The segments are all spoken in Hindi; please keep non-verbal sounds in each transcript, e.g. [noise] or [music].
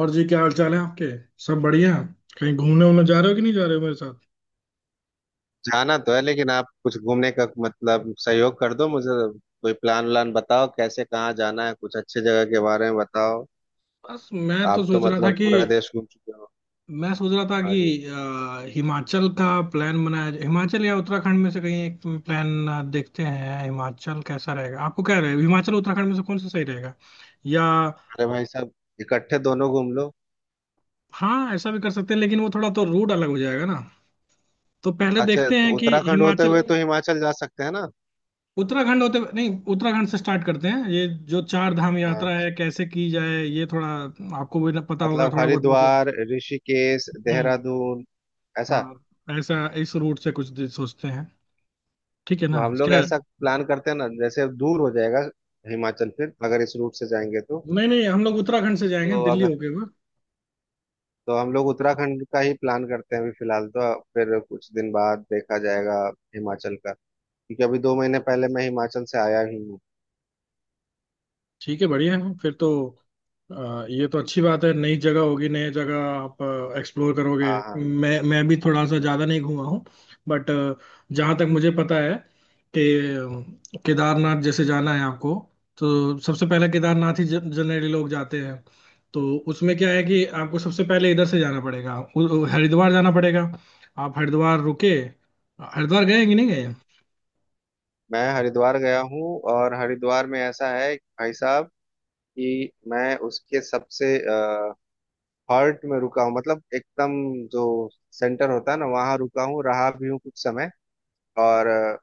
और जी क्या हाल चाल है आपके। सब बढ़िया। कहीं घूमने उमने जा रहे हो कि नहीं जा रहे हो मेरे साथ। जाना तो है लेकिन आप कुछ घूमने का मतलब सहयोग कर दो मुझे। कोई प्लान व्लान बताओ, कैसे कहाँ जाना है, कुछ अच्छे जगह के बारे में बताओ। बस मैं तो आप तो सोच रहा था मतलब कि पूरा देश घूम चुके हो। मैं सोच रहा था हाँ कि जी। हिमाचल का प्लान बनाया जाए। हिमाचल या उत्तराखंड में से कहीं एक प्लान। देखते हैं हिमाचल कैसा रहेगा। आपको क्या रहेगा हिमाचल उत्तराखंड में से कौन सा सही रहेगा या। अरे भाई साहब, इकट्ठे दोनों घूम लो। हाँ, ऐसा भी कर सकते हैं, लेकिन वो थोड़ा तो रूट अलग हो जाएगा ना। तो पहले अच्छा, देखते तो हैं कि उत्तराखंड होते हिमाचल हुए तो हिमाचल जा सकते हैं ना? उत्तराखंड होते नहीं उत्तराखंड से स्टार्ट करते हैं। ये जो चार धाम हाँ, यात्रा है कैसे की जाए, ये थोड़ा आपको भी पता होगा, मतलब थोड़ा बहुत मुझे। हरिद्वार, ऋषिकेश, हम्म। देहरादून ऐसा। हाँ, ऐसा इस रूट से कुछ दिन सोचते हैं। ठीक है तो ना हम लोग क्या। ऐसा प्लान करते हैं ना, जैसे दूर हो जाएगा हिमाचल, फिर अगर इस रूट से जाएंगे तो। नहीं नहीं, हम लोग उत्तराखंड से जाएंगे तो दिल्ली अगर, होके। तो हम लोग उत्तराखंड का ही प्लान करते हैं अभी फिलहाल, तो फिर कुछ दिन बाद देखा जाएगा हिमाचल का, क्योंकि अभी 2 महीने पहले मैं हिमाचल से आया ही हूँ। ठीक है, बढ़िया है फिर तो। ये तो अच्छी बात है। नई जगह होगी, नई जगह आप एक्सप्लोर करोगे। हाँ हाँ। मैं भी थोड़ा सा ज़्यादा नहीं घूमा हूँ। बट जहाँ तक मुझे पता है कि केदारनाथ जैसे जाना है आपको, तो सबसे पहले केदारनाथ ही जनरली लोग जाते हैं। तो उसमें क्या है कि आपको सबसे पहले इधर से जाना पड़ेगा, हरिद्वार जाना पड़ेगा। आप हरिद्वार रुके। हरिद्वार गए कि नहीं गए। मैं हरिद्वार गया हूँ, और हरिद्वार में ऐसा है कि भाई साहब, कि मैं उसके सबसे हार्ट में रुका हूँ, मतलब एकदम जो सेंटर होता है ना, वहां रुका हूँ, रहा भी हूँ कुछ समय। और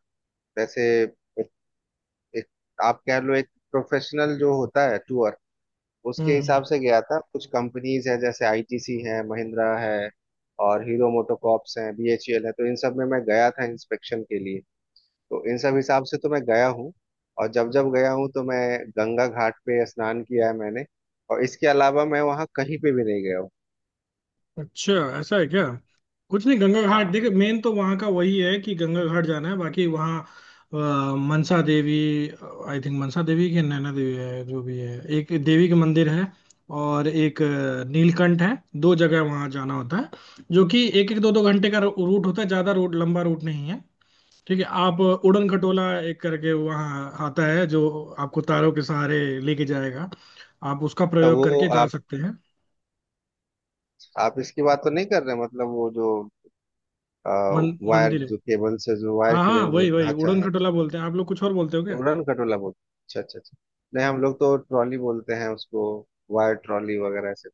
जैसे एक, एक, आप कह लो एक प्रोफेशनल जो होता है टूर, उसके हम्म। हिसाब से गया था। कुछ कंपनीज है जैसे आईटीसी है, महिंद्रा है और हीरो मोटोकॉर्प्स है, बीएचईएल है, तो इन सब में मैं गया था इंस्पेक्शन के लिए। तो इन सब हिसाब से तो मैं गया हूँ, और जब जब गया हूँ तो मैं गंगा घाट पे स्नान किया है मैंने, और इसके अलावा मैं वहाँ कहीं पे भी नहीं गया हूँ। अच्छा, ऐसा है क्या। कुछ नहीं, गंगा घाट हाँ। देख मेन तो वहाँ का वही है कि गंगा घाट जाना है। बाकी वहाँ अ, मनसा देवी, आई थिंक मनसा देवी की नैना देवी है, जो भी है एक देवी का मंदिर है। और एक नीलकंठ है। दो जगह वहाँ जाना होता है, जो कि एक एक दो दो घंटे का रूट होता है। ज़्यादा रूट, लंबा रूट नहीं है। ठीक है। आप उड़न अच्छा खटोला एक करके वहाँ आता है, जो आपको तारों के सहारे लेके जाएगा। आप उसका तो प्रयोग वो, करके जा सकते हैं। आप इसकी बात तो नहीं कर रहे, मतलब वो जो वायर, मंदिर है। जो केबल से जो वायर हाँ की हाँ, रेंज वही होता वही है, अच्छा। उड़न खटोला बोलते हैं। आप लोग कुछ और बोलते हो क्या। उड़न खटोला बोलते हैं। अच्छा अच्छा अच्छा। नहीं, हम हम्म। लोग तो ट्रॉली बोलते हैं उसको, वायर ट्रॉली वगैरह ऐसे,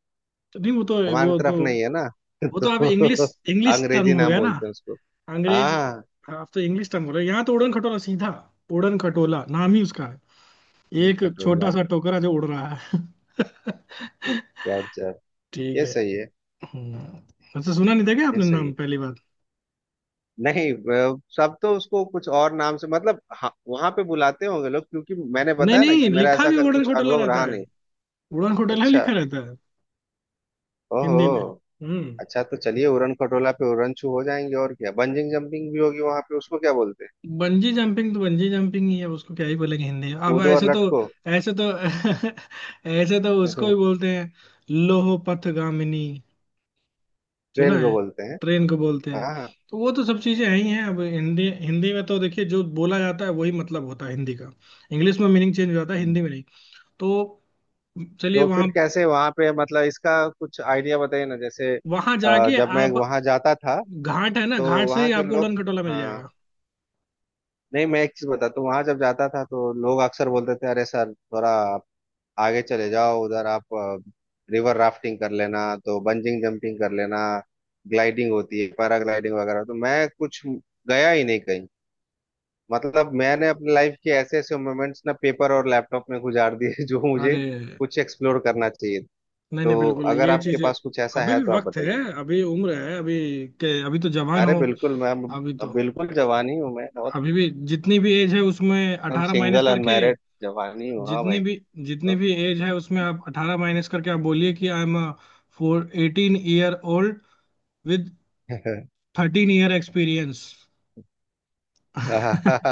तो नहीं, वो तो हमारे वो तो तरफ नहीं है ना। [laughs] वो तो आप इंग्लिश तो इंग्लिश अंग्रेजी टर्म हो नाम गया ना। बोलते हैं उसको। अंग्रेज। हाँ। आप तो इंग्लिश टर्म बोल रहे हो, यहाँ तो उड़न खटोला सीधा उड़न खटोला नाम ही उसका है। एक खटोला। छोटा सा टोकरा जो उड़ रहा है। [laughs] गजब। ठीक ये है। सही है। हम्म। वैसे सुना नहीं था क्या ये आपने सही नाम है। पहली बार। नहीं सब तो उसको कुछ और नाम से, मतलब हाँ, वहां पे बुलाते होंगे लोग, क्योंकि मैंने नहीं बताया ना नहीं, कि मेरा लिखा ऐसा भी उड़न कुछ खटोला अनुभव रहता रहा है। नहीं। उड़न खटोला ही अच्छा। लिखा रहता है हिंदी में। ओहो। हम्म। अच्छा तो चलिए उड़न खटोला पे उड़न छू हो जाएंगे, और क्या बंजिंग जंपिंग भी होगी वहां पे, उसको क्या बोलते हैं? बंजी जंपिंग तो बंजी जंपिंग ही है, उसको क्या ही बोलेंगे हिंदी में। अब कूदो ऐसे और तो लटको। ऐसे तो [laughs] ऐसे तो उसको हम्म। भी बोलते हैं लोहो पथगामिनी। सुना ट्रेन है को बोलते हैं। ट्रेन को बोलते हैं। हाँ। तो वो तो सब चीजें हैं ही हैं। अब हिंदी हिंदी में तो देखिए जो बोला जाता है वही मतलब होता है हिंदी का। इंग्लिश में मीनिंग चेंज हो जाता है, हम्म। हिंदी में नहीं। तो चलिए तो फिर वहां। कैसे वहां पे मतलब इसका कुछ आइडिया बताइए ना। जैसे वहां जाके जब मैं आप वहां जाता था, घाट है ना, तो घाट से वहां ही के आपको लोग। उड़न खटोला मिल हाँ। जाएगा। नहीं मैं एक चीज बताता हूँ, वहां जब जाता था तो लोग अक्सर बोलते थे, अरे सर थोड़ा आप आगे चले जाओ, उधर आप रिवर राफ्टिंग कर लेना, तो बंजिंग जंपिंग कर लेना, ग्लाइडिंग होती है, पैराग्लाइडिंग वगैरह, तो मैं कुछ गया ही नहीं कहीं। मतलब मैंने अपनी लाइफ के ऐसे ऐसे मोमेंट्स ना पेपर और लैपटॉप में गुजार दिए [laughs] जो मुझे अरे कुछ एक्सप्लोर करना चाहिए। नहीं नहीं, तो बिल्कुल अगर ये आपके चीज। पास कुछ ऐसा अभी है भी तो आप वक्त है, बताइए। अभी उम्र है, अभी के अभी तो जवान अरे हो। बिल्कुल, मैं अभी तो अब बिल्कुल जवान ही हूँ मैं, और अभी भी जितनी भी एज है उसमें एकदम 18 माइनस सिंगल करके। अनमैरिड, जवान ही हूँ हाँ जितनी भाई। भी जितनी तो भी एज है उसमें आप 18 माइनस करके आप बोलिए कि I am four eighteen year old with [laughs] 13 year experience. हाँ, [laughs]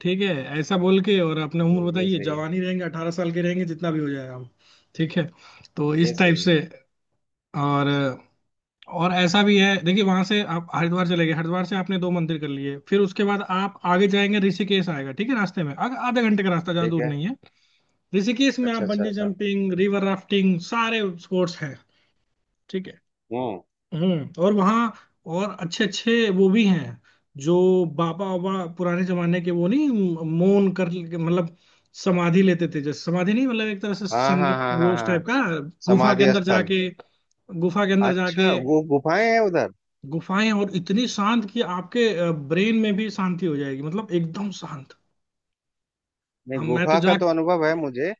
ठीक है, ऐसा बोल के और अपने उम्र ये बताइए। सही है। जवान ही रहेंगे, 18 साल के रहेंगे जितना भी हो जाए हम। ठीक है, तो ये इस टाइप सही है। से। और और ऐसा भी है, देखिए वहां से आप हरिद्वार चले गए, हरिद्वार से आपने दो मंदिर कर लिए, फिर उसके बाद आप आगे जाएंगे ऋषिकेश आएगा। ठीक है, रास्ते में आगे आधे घंटे का रास्ता, ज्यादा ठीक दूर है। नहीं है। ऋषिकेश में आप अच्छा अच्छा बंजी अच्छा। जंपिंग, रिवर राफ्टिंग सारे स्पोर्ट्स हैं। ठीक है। हम्म। हम्म। और वहाँ और अच्छे अच्छे वो भी हैं, जो बाबा बाबा पुराने जमाने के वो नहीं, मौन कर मतलब समाधि लेते थे। जैसे समाधि नहीं, मतलब एक तरह से हाँ सं हाँ हाँ वो हाँ उस हाँ हाँ। टाइप का, गुफा के समाधि अंदर स्थल। जाके गुफा के अंदर जाके अच्छा वो गुफाएं हैं उधर? गुफाएं और इतनी शांत कि आपके ब्रेन में भी शांति हो जाएगी, मतलब एकदम शांत। नहीं, हम मैं तो गुफा का जाके। तो अनुभव है मुझे।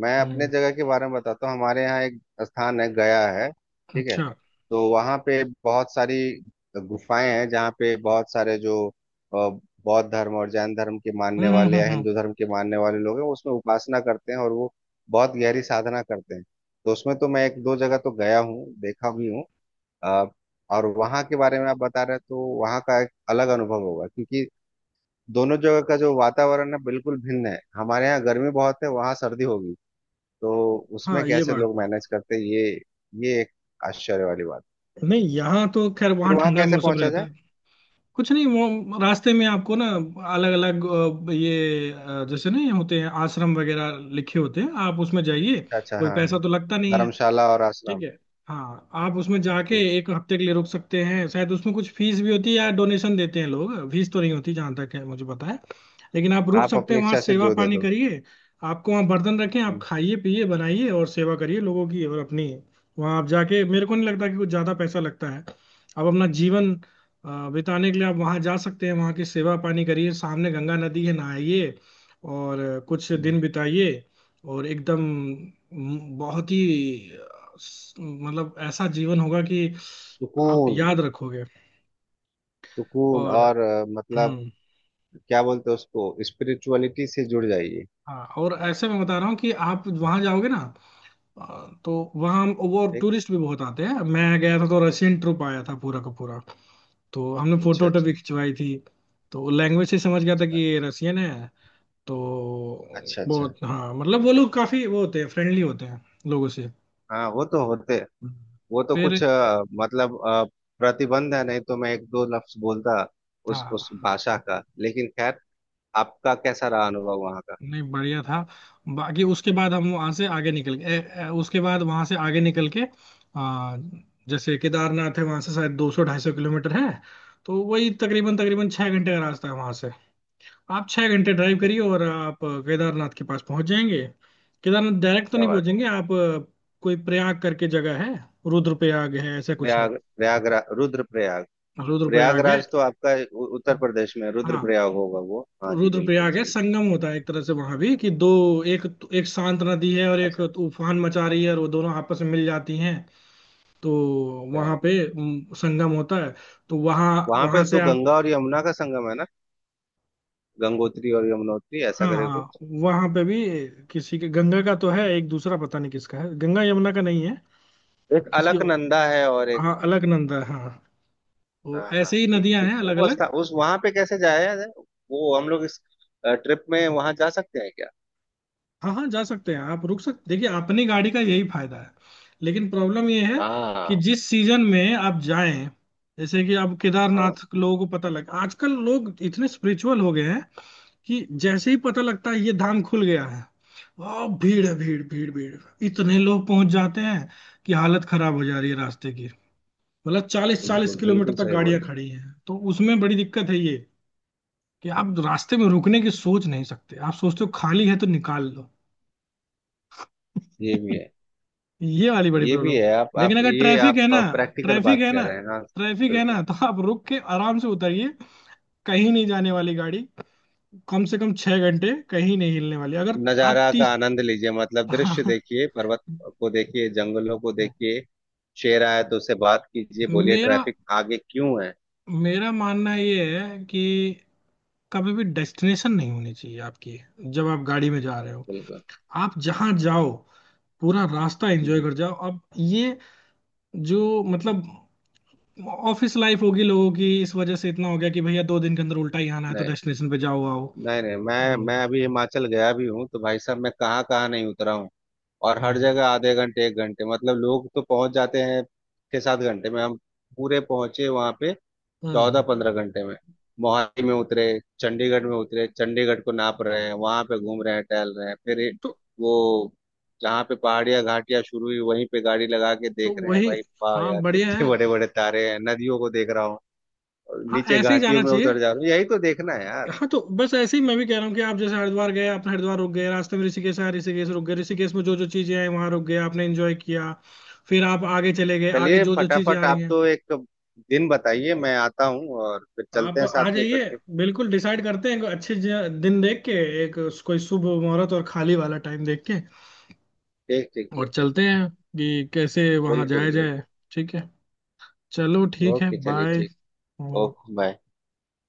मैं अपने हम्म। जगह के बारे में बताता हूँ, हमारे यहाँ एक स्थान है गया है, ठीक है। अच्छा। तो वहाँ पे बहुत सारी गुफाएं हैं, जहाँ पे बहुत सारे जो अ, बौद्ध धर्म और जैन धर्म के मानने हम्म हम्म वाले या हम्म हम्म। हिंदू धर्म के मानने वाले लोग हैं, वो उसमें उपासना करते हैं, और वो बहुत गहरी साधना करते हैं। तो उसमें तो मैं 1 2 जगह तो गया हूँ, देखा भी हूँ। अ, और वहाँ के बारे में आप बता रहे हैं तो वहाँ का एक अलग अनुभव होगा, क्योंकि दोनों जगह का जो वातावरण है बिल्कुल भिन्न है, हमारे यहाँ गर्मी बहुत है, वहाँ सर्दी होगी, तो उसमें हाँ, ये कैसे बात लोग भी। मैनेज करते हैं, ये एक आश्चर्य वाली बात। नहीं, यहाँ तो खैर फिर वहाँ वहां ठंडा कैसे मौसम पहुंचा रहता जाए? है। कुछ नहीं, वो रास्ते में आपको ना अलग अलग ये जैसे नहीं होते हैं आश्रम वगैरह लिखे होते हैं, आप उसमें जाइए। अच्छा अच्छा कोई हाँ हाँ। पैसा तो लगता नहीं है। धर्मशाला और ठीक आश्रम। है। हाँ, आप उसमें जाके ठीक। एक हफ्ते के लिए रुक सकते हैं, शायद उसमें कुछ फीस भी होती है या डोनेशन देते हैं लोग। फीस तो नहीं होती जहाँ तक है मुझे पता है। लेकिन आप रुक आप सकते अपनी हैं, वहाँ इच्छा से सेवा जो दे पानी दो। करिए। आपको वहाँ बर्तन रखें, आप हम्म। खाइए पिए बनाइए और सेवा करिए लोगों की और अपनी। वहाँ आप जाके मेरे को नहीं लगता कि कुछ ज़्यादा पैसा लगता है। आप अपना जीवन बिताने के लिए आप वहाँ जा सकते हैं। वहाँ की सेवा पानी करिए, सामने गंगा नदी है नहाइए, और कुछ हम्म। दिन बिताइए। और एकदम बहुत ही मतलब ऐसा जीवन होगा कि आप सुकून। याद रखोगे। सुकून और और मतलब हम्म। क्या बोलते हैं उसको, स्पिरिचुअलिटी से जुड़ जाइए। हाँ, और ऐसे मैं बता रहा हूँ कि आप वहां जाओगे ना। तो वहाँ वो ठीक। टूरिस्ट भी बहुत आते हैं। मैं गया था तो रशियन ट्रुप आया था पूरा का पूरा। तो हमने फोटो अच्छा वोटो अच्छा। भी खिंचवाई थी। तो लैंग्वेज से समझ गया था कि अच्छा ये रशियन है। तो अच्छा अच्छा। बहुत, हाँ मतलब वो लोग काफी वो होते हैं, फ्रेंडली होते हैं लोगों से। हाँ वो तो होते। हम्म। वो तो फिर। कुछ मतलब प्रतिबंध है नहीं तो मैं 1 2 लफ्ज बोलता उस हाँ, भाषा का, लेकिन खैर। आपका कैसा रहा अनुभव वहाँ का? नहीं बढ़िया था। बाकी उसके बाद हम वहां से आगे निकल गए। उसके बाद वहां से आगे निकल के आ, जैसे केदारनाथ है वहां से शायद 200 250 किलोमीटर है। तो वही तकरीबन तकरीबन 6 घंटे का रास्ता है वहां से। आप 6 घंटे ड्राइव करिए और आप केदारनाथ के पास पहुंच जाएंगे। केदारनाथ डायरेक्ट तो क्या नहीं बात। पहुंचेंगे आप। कोई प्रयाग करके जगह है, रुद्रप्रयाग है ऐसा कुछ है। प्रयाग, प्रयागराज, रुद्रप्रयाग। रुद्रप्रयाग है प्रयागराज तो आपका उत्तर प्रदेश में है, हाँ। रुद्रप्रयाग होगा वो, हाँ जी बिल्कुल रुद्रप्रयाग है। सही संगम जी। होता है एक तरह से वहां भी कि दो। एक एक शांत नदी है और एक अच्छा तूफान मचा रही है और वो दोनों आपस में मिल जाती हैं। तो अच्छा। वहां पे संगम होता है। तो वहां वहां पे वहां से तो आप। गंगा और यमुना का संगम है ना? गंगोत्री और यमुनोत्री ऐसा हाँ करके हाँ, कुछ। वहां पे भी किसी के गंगा का तो है, एक दूसरा पता नहीं किसका है। गंगा यमुना का नहीं है। एक किसी अलकनंदा है और एक। हाँ, अलकनंदा है हाँ। वो हाँ हाँ, ऐसे ही ठीक नदियां ठीक, हैं वो अलग अलग। रास्ता उस वहां पे कैसे जाया जाए, वो हम लोग इस ट्रिप में वहां जा सकते हैं क्या? हाँ हाँ, जा सकते हैं, आप रुक सकते। देखिए अपनी गाड़ी का यही फायदा है। लेकिन प्रॉब्लम ये है हाँ कि जिस सीजन में आप जाएं। जैसे कि अब हाँ। केदारनाथ लोगों को पता लग, आजकल लोग इतने स्पिरिचुअल हो गए हैं कि जैसे ही पता लगता है ये धाम खुल गया है, वाह भीड़ है, भीड़ भीड़ भीड़, इतने लोग पहुंच जाते हैं कि हालत खराब हो जा रही है रास्ते की। मतलब चालीस चालीस बिल्कुल किलोमीटर बिल्कुल तक सही बोल गाड़ियां रहे हो। खड़ी हैं, तो उसमें बड़ी दिक्कत है ये। कि आप रास्ते में रुकने की सोच नहीं सकते। आप सोचते हो खाली है तो निकाल लो। ये भी है। ये वाली बड़ी ये भी प्रॉब्लम। है, आप लेकिन अगर ये ट्रैफिक आप है ना, प्रैक्टिकल ट्रैफिक बात है कह ना रहे हैं, हाँ। ट्रैफिक है ना बिल्कुल। तो आप रुक के आराम से उतरिए। कहीं नहीं जाने वाली गाड़ी, कम से कम 6 घंटे कहीं नहीं हिलने वाली। अगर आप नजारा का तीस आनंद लीजिए, मतलब [laughs] दृश्य हाँ। देखिए, पर्वत को देखिए, जंगलों को देखिए, शेर आए तो उससे बात कीजिए, बोलिए मेरा ट्रैफिक आगे क्यों है। मेरा मानना ये है कि कभी भी डेस्टिनेशन नहीं होनी चाहिए आपकी जब आप गाड़ी में जा रहे हो। बिल्कुल। आप जहां जाओ, पूरा रास्ता एंजॉय कर जाओ। अब ये जो मतलब ऑफिस लाइफ होगी लोगों की इस वजह से इतना हो गया कि भैया 2 दिन के अंदर उल्टा ही आना है, तो नहीं, डेस्टिनेशन पे जाओ आओ। नहीं नहीं, मैं हम्म अभी हिमाचल गया भी हूँ तो भाई साहब, मैं कहाँ कहाँ नहीं उतरा हूँ। और हर हम्म जगह आधे घंटे 1 घंटे, मतलब लोग तो पहुंच जाते हैं 6 7 घंटे में, हम पूरे पहुंचे वहां पे चौदह हम्म। पंद्रह घंटे में। मोहाली में उतरे, चंडीगढ़ में उतरे, चंडीगढ़ को नाप रहे हैं, वहां पे घूम रहे हैं, टहल रहे हैं, फिर तो वो जहाँ पे पहाड़ियाँ घाटियाँ शुरू हुई, वहीं पे गाड़ी लगा के देख तो रहे हैं, वही। भाई वाह हाँ, यार बढ़िया कितने है। बड़े बड़े तारे हैं, नदियों को देख रहा हूँ, और हाँ, नीचे ऐसे ही घाटियों जाना में चाहिए। उतर जा रहा हूँ, यही तो देखना है यार। हाँ, तो बस ऐसे ही मैं भी कह रहा हूँ कि आप जैसे हरिद्वार गए आपने हरिद्वार रुक गए, रास्ते में ऋषिकेश आया ऋषिकेश रुक गए, ऋषिकेश में जो जो चीजें आई वहां रुक गए, आपने एंजॉय किया। फिर आप आगे चले गए, आगे चलिए जो जो चीजें आ फटाफट रही आप हैं। तो एक दिन बताइए, मैं आता हूँ और फिर चलते आप हैं साथ आ में जाइए। इकट्ठे। बिल्कुल डिसाइड करते हैं, कोई अच्छे दिन देख के एक कोई शुभ मुहूर्त और खाली वाला टाइम देख के। ठीक ठीक और ठीक ठीक। चलते हैं कि कैसे वहां बिल्कुल जाया बिल्कुल। जाए। ठीक है। चलो ठीक है, ओके चलिए बाय। ठीक। Okay bye.